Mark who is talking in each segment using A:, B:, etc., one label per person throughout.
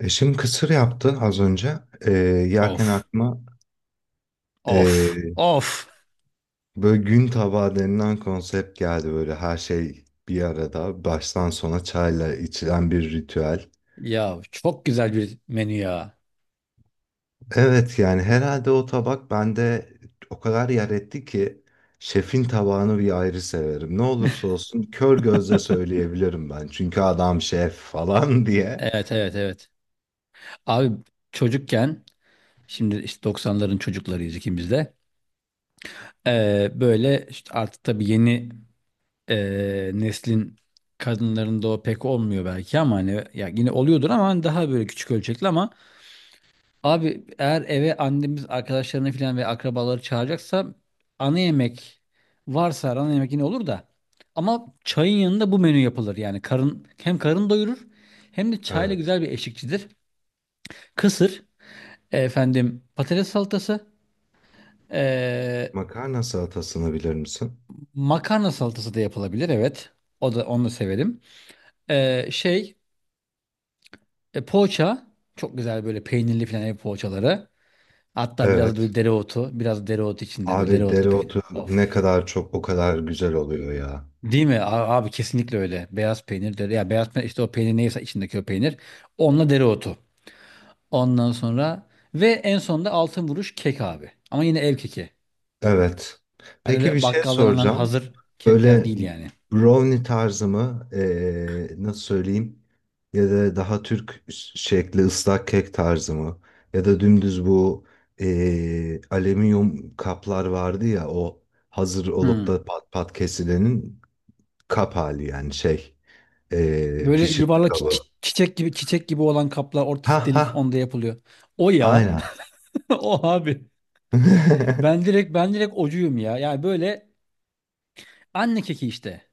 A: Eşim kısır yaptı az önce. Yerken
B: Of,
A: aklıma
B: of,
A: ee,
B: of.
A: böyle gün tabağı denilen konsept geldi. Böyle her şey bir arada baştan sona çayla içilen bir ritüel.
B: Ya çok güzel bir menü ya.
A: Evet, yani herhalde o tabak bende o kadar yer etti ki şefin tabağını bir ayrı severim. Ne olursa olsun kör gözle söyleyebilirim ben. Çünkü adam şef falan diye.
B: Evet, evet, evet. Abi çocukken, şimdi işte 90'ların çocuklarıyız ikimiz de. Böyle işte artık tabii yeni neslin kadınlarında o pek olmuyor belki ama hani ya yine oluyordur ama hani daha böyle küçük ölçekli ama. Abi eğer eve annemiz arkadaşlarını falan ve akrabaları çağıracaksa ana yemek varsa ana yemek yine olur da, ama çayın yanında bu menü yapılır yani, karın hem karın doyurur hem de çayla
A: Evet.
B: güzel bir eşlikçidir. Kısır, efendim, patates salatası, e,
A: Makarna salatasını bilir misin?
B: makarna salatası da yapılabilir, evet, o da, onu da severim. Şey, poğaça çok güzel, böyle peynirli falan ev poğaçaları, hatta biraz da
A: Evet.
B: böyle dereotu, biraz dereotu içinde, böyle
A: Abi
B: dereotlu peynir
A: dereotu ne
B: of.
A: kadar çok o kadar güzel oluyor ya.
B: Değil mi? Abi kesinlikle öyle. Beyaz peynir dere ya, beyaz peynir işte, o peynir neyse içindeki o peynir. Onunla dereotu. Ondan sonra ve en sonunda altın vuruş kek abi. Ama yine ev keki.
A: Evet.
B: Hani
A: Peki bir
B: öyle
A: şey
B: bakkaldan alınan
A: soracağım.
B: hazır kekler
A: Böyle
B: değil yani.
A: brownie tarzı mı? Nasıl söyleyeyim? Ya da daha Türk şekli ıslak kek tarzı mı? Ya da dümdüz bu alüminyum kaplar vardı ya, o hazır olup
B: Hmm.
A: da pat pat kesilenin kap hali, yani şey,
B: Böyle
A: pişirme
B: yuvarlak
A: kabı.
B: çiçek gibi, çiçek gibi olan kaplar
A: Ha
B: ortası
A: ha,
B: delik, onda yapılıyor. O ya.
A: aynen.
B: O abi. Ben direkt ben direkt ocuyum ya. Yani böyle anne keki işte.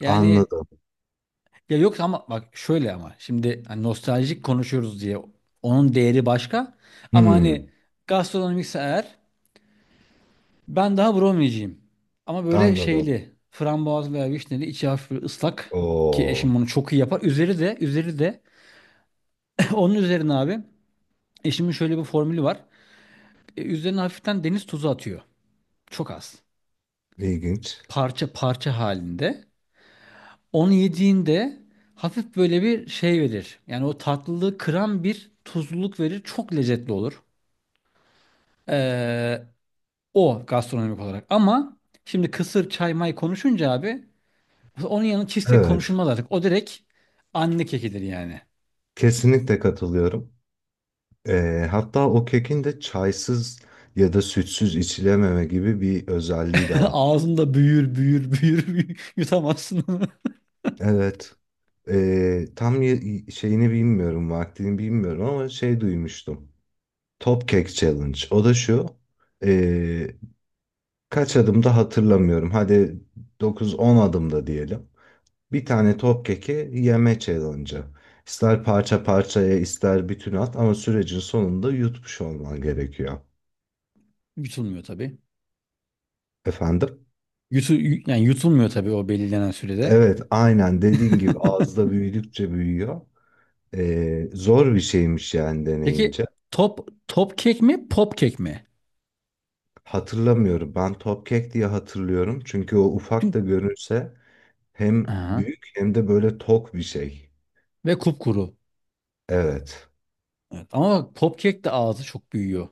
B: Yani,
A: Anladım.
B: ya yok, ama bak şöyle, ama şimdi hani nostaljik konuşuyoruz diye onun değeri başka. Ama
A: Hmm.
B: hani gastronomikse eğer, ben daha brownie'ciyim. Ama böyle
A: Anladım.
B: şeyli, frambuazlı veya vişneli, içi hafif böyle ıslak, ki
A: Oo,
B: eşim bunu çok iyi yapar. Üzeri de onun üzerine abi, eşimin şöyle bir formülü var. Üzerine hafiften deniz tuzu atıyor. Çok az.
A: ilginç.
B: Parça parça halinde. Onu yediğinde hafif böyle bir şey verir. Yani o tatlılığı kıran bir tuzluluk verir. Çok lezzetli olur. Ee, o gastronomik olarak. Ama şimdi kısır çay may konuşunca abi, onun yanı cheesecake
A: Evet,
B: konuşulmaz artık. O direkt anne kekidir yani.
A: kesinlikle katılıyorum. Hatta o kekin de çaysız ya da sütsüz içilememe gibi bir özelliği de var.
B: Ağzında büyür büyür büyür, büyür, yutamazsın onu.
A: Evet. Tam şeyini bilmiyorum, vaktini bilmiyorum, ama şey duymuştum. Top Cake Challenge. O da şu. ee, Kaç adımda hatırlamıyorum. Hadi 9-10 adımda diyelim. Bir tane top keki yeme challenge'ı. İster parça parçaya ister bütün at, ama sürecin sonunda yutmuş olman gerekiyor.
B: Yutulmuyor tabii.
A: Efendim?
B: Yani yutulmuyor tabii o belirlenen sürede.
A: Evet, aynen dediğin gibi ağızda büyüdükçe büyüyor. Zor bir şeymiş yani
B: Peki,
A: deneyince.
B: top top kek mi, pop kek mi?
A: Hatırlamıyorum, ben top kek diye hatırlıyorum. Çünkü o ufak da
B: Çünkü,
A: görünse hem
B: aha,
A: büyük hem de böyle tok bir şey.
B: ve kupkuru.
A: Evet.
B: Evet. Ama bak pop kek de ağzı çok büyüyor.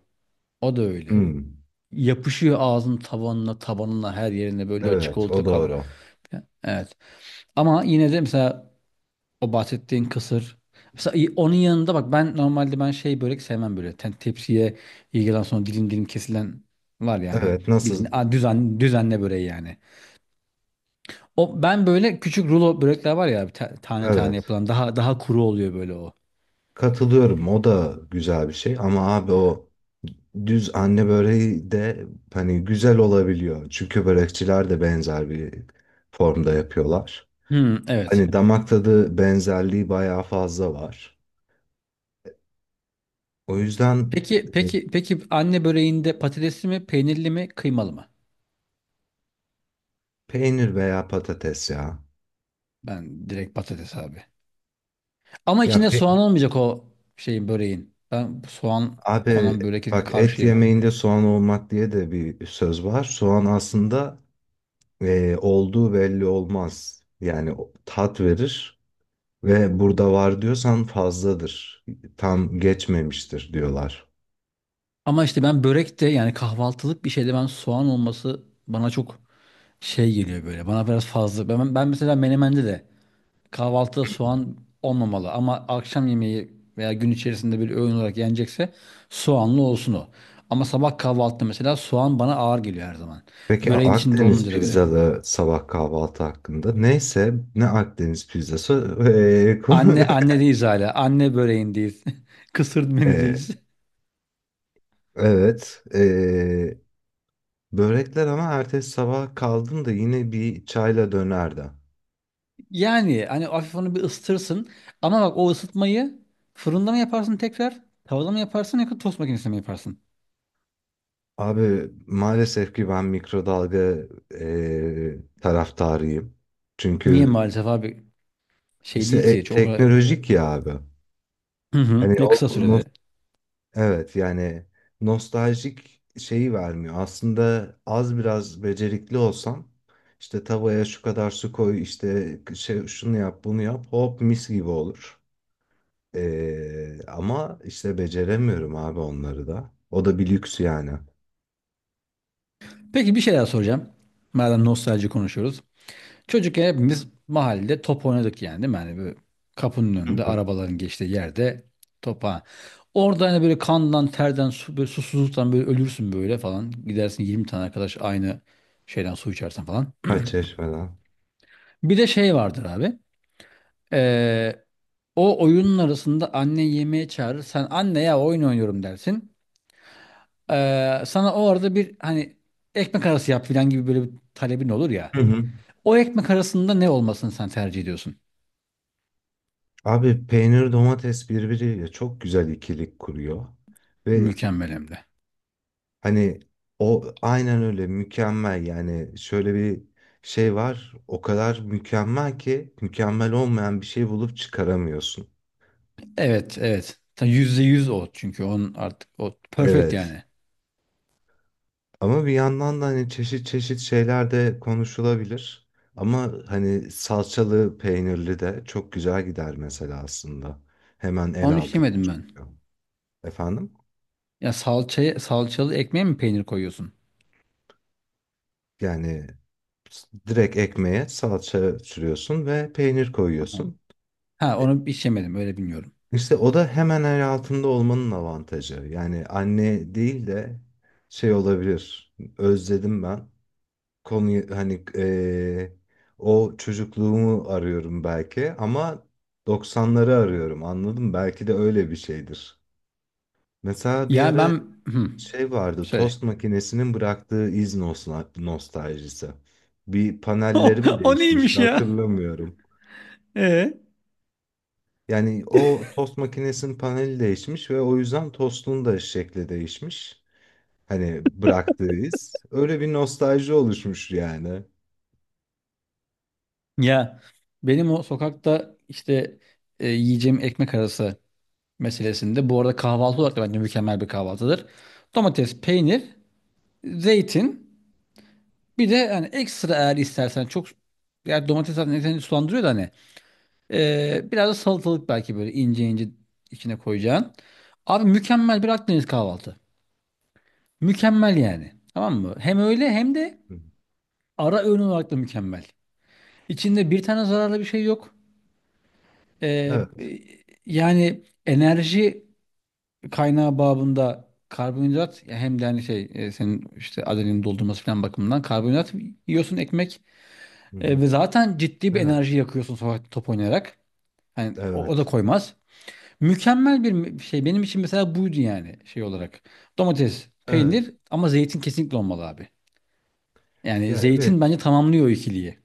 B: O da öyle.
A: Hmm.
B: Yapışıyor ağzın tavanına, tabanına, her yerine, böyle o
A: Evet,
B: çikolata
A: o
B: kabı.
A: doğru.
B: Evet. Ama yine de mesela o bahsettiğin kısır. Mesela i- onun yanında bak, ben normalde, ben şey, börek sevmem böyle. Tepsiye ilgilen sonra dilim dilim kesilen var yani.
A: Evet,
B: Bildiğin
A: nasıl?
B: düzenle böreği yani. O ben böyle küçük rulo börekler var ya, ta- tane tane
A: Evet.
B: yapılan, daha daha kuru oluyor böyle o.
A: Katılıyorum. O da güzel bir şey ama abi o düz anne böreği de hani güzel olabiliyor. Çünkü börekçiler de benzer bir formda yapıyorlar.
B: Hmm, evet.
A: Hani damak tadı benzerliği bayağı fazla var. O yüzden,
B: Peki,
A: e,
B: peki, peki, anne böreğinde patatesli mi, peynirli mi, kıymalı mı?
A: peynir veya patates ya.
B: Ben direkt patates abi. Ama
A: Ya
B: içinde
A: pe-
B: soğan olmayacak o şeyin, böreğin. Ben soğan
A: Abi
B: konan börekin
A: bak, et
B: karşıyım.
A: yemeğinde soğan olmak diye de bir söz var. Soğan aslında olduğu belli olmaz. Yani tat verir. Ve burada var diyorsan fazladır. Tam geçmemiştir diyorlar.
B: Ama işte ben börekte, yani kahvaltılık bir şeyde, ben soğan olması bana çok şey geliyor böyle. Bana biraz fazla. Ben mesela menemende de, kahvaltıda soğan olmamalı. Ama akşam yemeği veya gün içerisinde bir öğün olarak yenecekse, soğanlı olsun o. Ama sabah kahvaltıda mesela soğan bana ağır geliyor her zaman.
A: Peki
B: Böreğin içinde
A: Akdeniz
B: olunca da öyle.
A: pizzalı sabah kahvaltı hakkında. Neyse ne Akdeniz pizzası.
B: Anne anne değiliz hala. Anne böreğindeyiz. Kısır
A: Ee,
B: menüdeyiz.
A: evet. Börekler ama ertesi sabah kaldım da yine bir çayla dönerdi.
B: Yani hani hafif onu bir ısıtırsın. Ama bak, o ısıtmayı fırında mı yaparsın tekrar? Tavada mı yaparsın, yoksa tost makinesinde mi yaparsın?
A: Abi maalesef ki ben mikrodalga taraftarıyım.
B: Niye
A: Çünkü
B: maalesef abi, şey
A: işte
B: değil ki çok, o kadar-
A: teknolojik ya abi.
B: hı hı,
A: Hani
B: ve
A: o,
B: kısa sürede.
A: evet, yani nostaljik şeyi vermiyor. Aslında az biraz becerikli olsam işte tavaya şu kadar su koy, işte şey, şunu yap bunu yap, hop mis gibi olur. Ama işte beceremiyorum abi onları da. O da bir lüks yani.
B: Peki, bir şey daha soracağım. Madem nostalji konuşuyoruz. Çocukken hepimiz mahallede top oynadık yani, değil mi? Hani böyle kapının
A: Hı
B: önünde,
A: hı.
B: arabaların geçtiği yerde topa. Orada hani böyle kandan, terden, su, böyle susuzluktan böyle ölürsün böyle falan. Gidersin, 20 tane arkadaş aynı şeyden su içersen falan.
A: Ha, çeşmeden.
B: Bir de şey vardır abi. Ee, o oyunun arasında anne yemeğe çağırır. Sen anne ya oyun oynuyorum dersin. Sana o arada bir, hani, ekmek arası yap falan gibi böyle bir talebin olur ya.
A: Hı hı.
B: O ekmek arasında ne olmasını sen tercih ediyorsun?
A: Abi peynir domates birbiriyle çok güzel ikilik kuruyor. Ve
B: Mükemmel hem de.
A: hani o, aynen öyle mükemmel. Yani şöyle bir şey var, o kadar mükemmel ki mükemmel olmayan bir şey bulup çıkaramıyorsun.
B: Evet, evet. Ta %100 o, çünkü onun artık o perfect
A: Evet,
B: yani.
A: ama bir yandan da hani çeşit çeşit şeyler de konuşulabilir, ama hani salçalı peynirli de çok güzel gider mesela, aslında hemen el
B: Onu hiç
A: altında
B: yemedim ben.
A: çünkü. Efendim?
B: Ya salçaya, salçalı ekmeğe mi peynir koyuyorsun?
A: Yani direkt ekmeğe salça sürüyorsun ve peynir
B: Tamam.
A: koyuyorsun.
B: Ha,
A: E,
B: onu hiç yemedim, öyle bilmiyorum.
A: İşte o da hemen el altında olmanın avantajı. Yani anne değil de şey olabilir. Özledim ben. Konuyu hani, o çocukluğumu arıyorum belki, ama 90'ları arıyorum, anladın mı? Belki de öyle bir şeydir. Mesela bir
B: Ya
A: ara
B: ben, hmm,
A: şey vardı.
B: söyle.
A: Tost makinesinin bıraktığı iz nostaljisi. Bir panelleri
B: O,
A: mi
B: o
A: değişmişti,
B: neymiş ya?
A: hatırlamıyorum.
B: Ee?
A: Yani o tost makinesinin paneli değişmiş ve o yüzden tostun da şekli değişmiş. Hani bıraktığı iz. Öyle bir nostalji oluşmuş yani.
B: Ya benim o sokakta işte, yiyeceğim ekmek arası meselesinde, bu arada kahvaltı olarak da bence mükemmel bir kahvaltıdır. Domates, peynir, zeytin, bir de hani ekstra eğer istersen çok, yani domates zaten seni sulandırıyor da, hani, biraz da salatalık belki, böyle ince ince içine koyacağın. Abi, mükemmel bir Akdeniz kahvaltı. Mükemmel yani. Tamam mı? Hem öyle, hem de
A: Hı.
B: ara öğün olarak da mükemmel. İçinde bir tane zararlı bir şey yok. Ee,
A: Evet.
B: e, yani enerji kaynağı babında karbonhidrat ya, hem de hani şey, senin işte adrenalin doldurması falan bakımından karbonhidrat yiyorsun, ekmek.
A: Hı hı.
B: Ve zaten ciddi bir
A: Evet.
B: enerji yakıyorsun sokakta top oynayarak. Hani o da
A: Evet.
B: koymaz. Mükemmel bir şey benim için mesela buydu yani, şey olarak. Domates,
A: Evet.
B: peynir, ama zeytin kesinlikle olmalı abi. Yani
A: Ya, evet.
B: zeytin bence tamamlıyor o ikiliyi.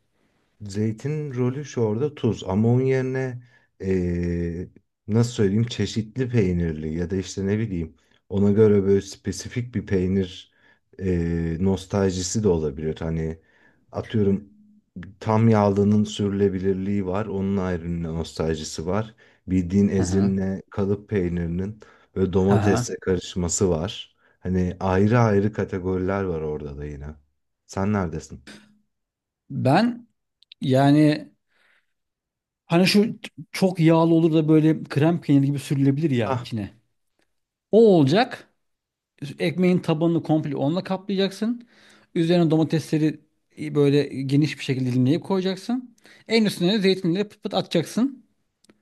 A: Zeytin rolü şu, orada tuz, ama onun yerine eee, nasıl söyleyeyim, çeşitli peynirli ya da işte ne bileyim, ona göre böyle spesifik bir peynir nostaljisi de olabilir. Hani, atıyorum, tam yağlının sürülebilirliği var, onun ayrı bir nostaljisi var. Bildiğin
B: Hı hı.
A: Ezinle kalıp peynirinin böyle
B: Hı hı.
A: domatesle karışması var. Hani ayrı ayrı kategoriler var orada da yine. Sen neredesin?
B: Ben, yani, hani şu çok yağlı olur da böyle krem peyniri gibi sürülebilir ya
A: Hah.
B: içine. O olacak. Ekmeğin tabanını komple onunla kaplayacaksın. Üzerine domatesleri böyle geniş bir şekilde dilimleyip koyacaksın. En üstüne de zeytinleri pıt pıt atacaksın.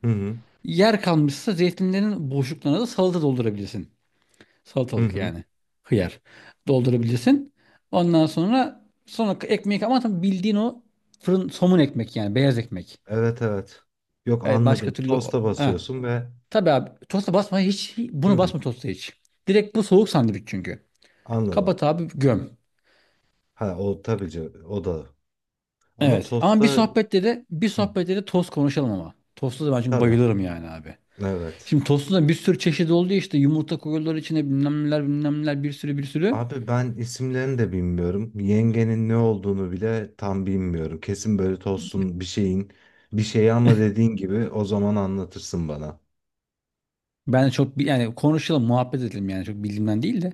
A: Hı hı.
B: Yer kalmışsa, zeytinlerin boşluklarına da salata doldurabilirsin.
A: Hı
B: Salatalık
A: hı.
B: yani. Hıyar. Doldurabilirsin. Ondan sonra ekmeği, ama tabii bildiğin o fırın somun ekmek, yani beyaz ekmek.
A: Evet, evet. Yok,
B: Evet, başka
A: anladım.
B: türlü
A: Tosta
B: ha.
A: basıyorsun ve,
B: Tabii abi, tosta basma hiç, bunu
A: hı,
B: basma tosta hiç. Direkt bu soğuk sandviç çünkü.
A: anladım.
B: Kapat abi, göm.
A: Ha, o tabii ki, o da. Ama
B: Evet, ama bir
A: tosta,
B: sohbette de,
A: hı,
B: tost konuşalım ama. Tostu da ben çünkü
A: tabii.
B: bayılırım yani abi.
A: Evet.
B: Şimdi tostu da bir sürü çeşidi oldu ya, işte yumurta koyuyorlar içine, bilmem neler bilmem neler, bir sürü bir sürü.
A: Abi ben isimlerini de bilmiyorum. Yengenin ne olduğunu bile tam bilmiyorum. Kesin böyle tostun bir şeyin bir şeyi, ama dediğin gibi o zaman anlatırsın bana.
B: Ben de çok yani konuşalım, muhabbet edelim yani, çok bildiğimden değil de.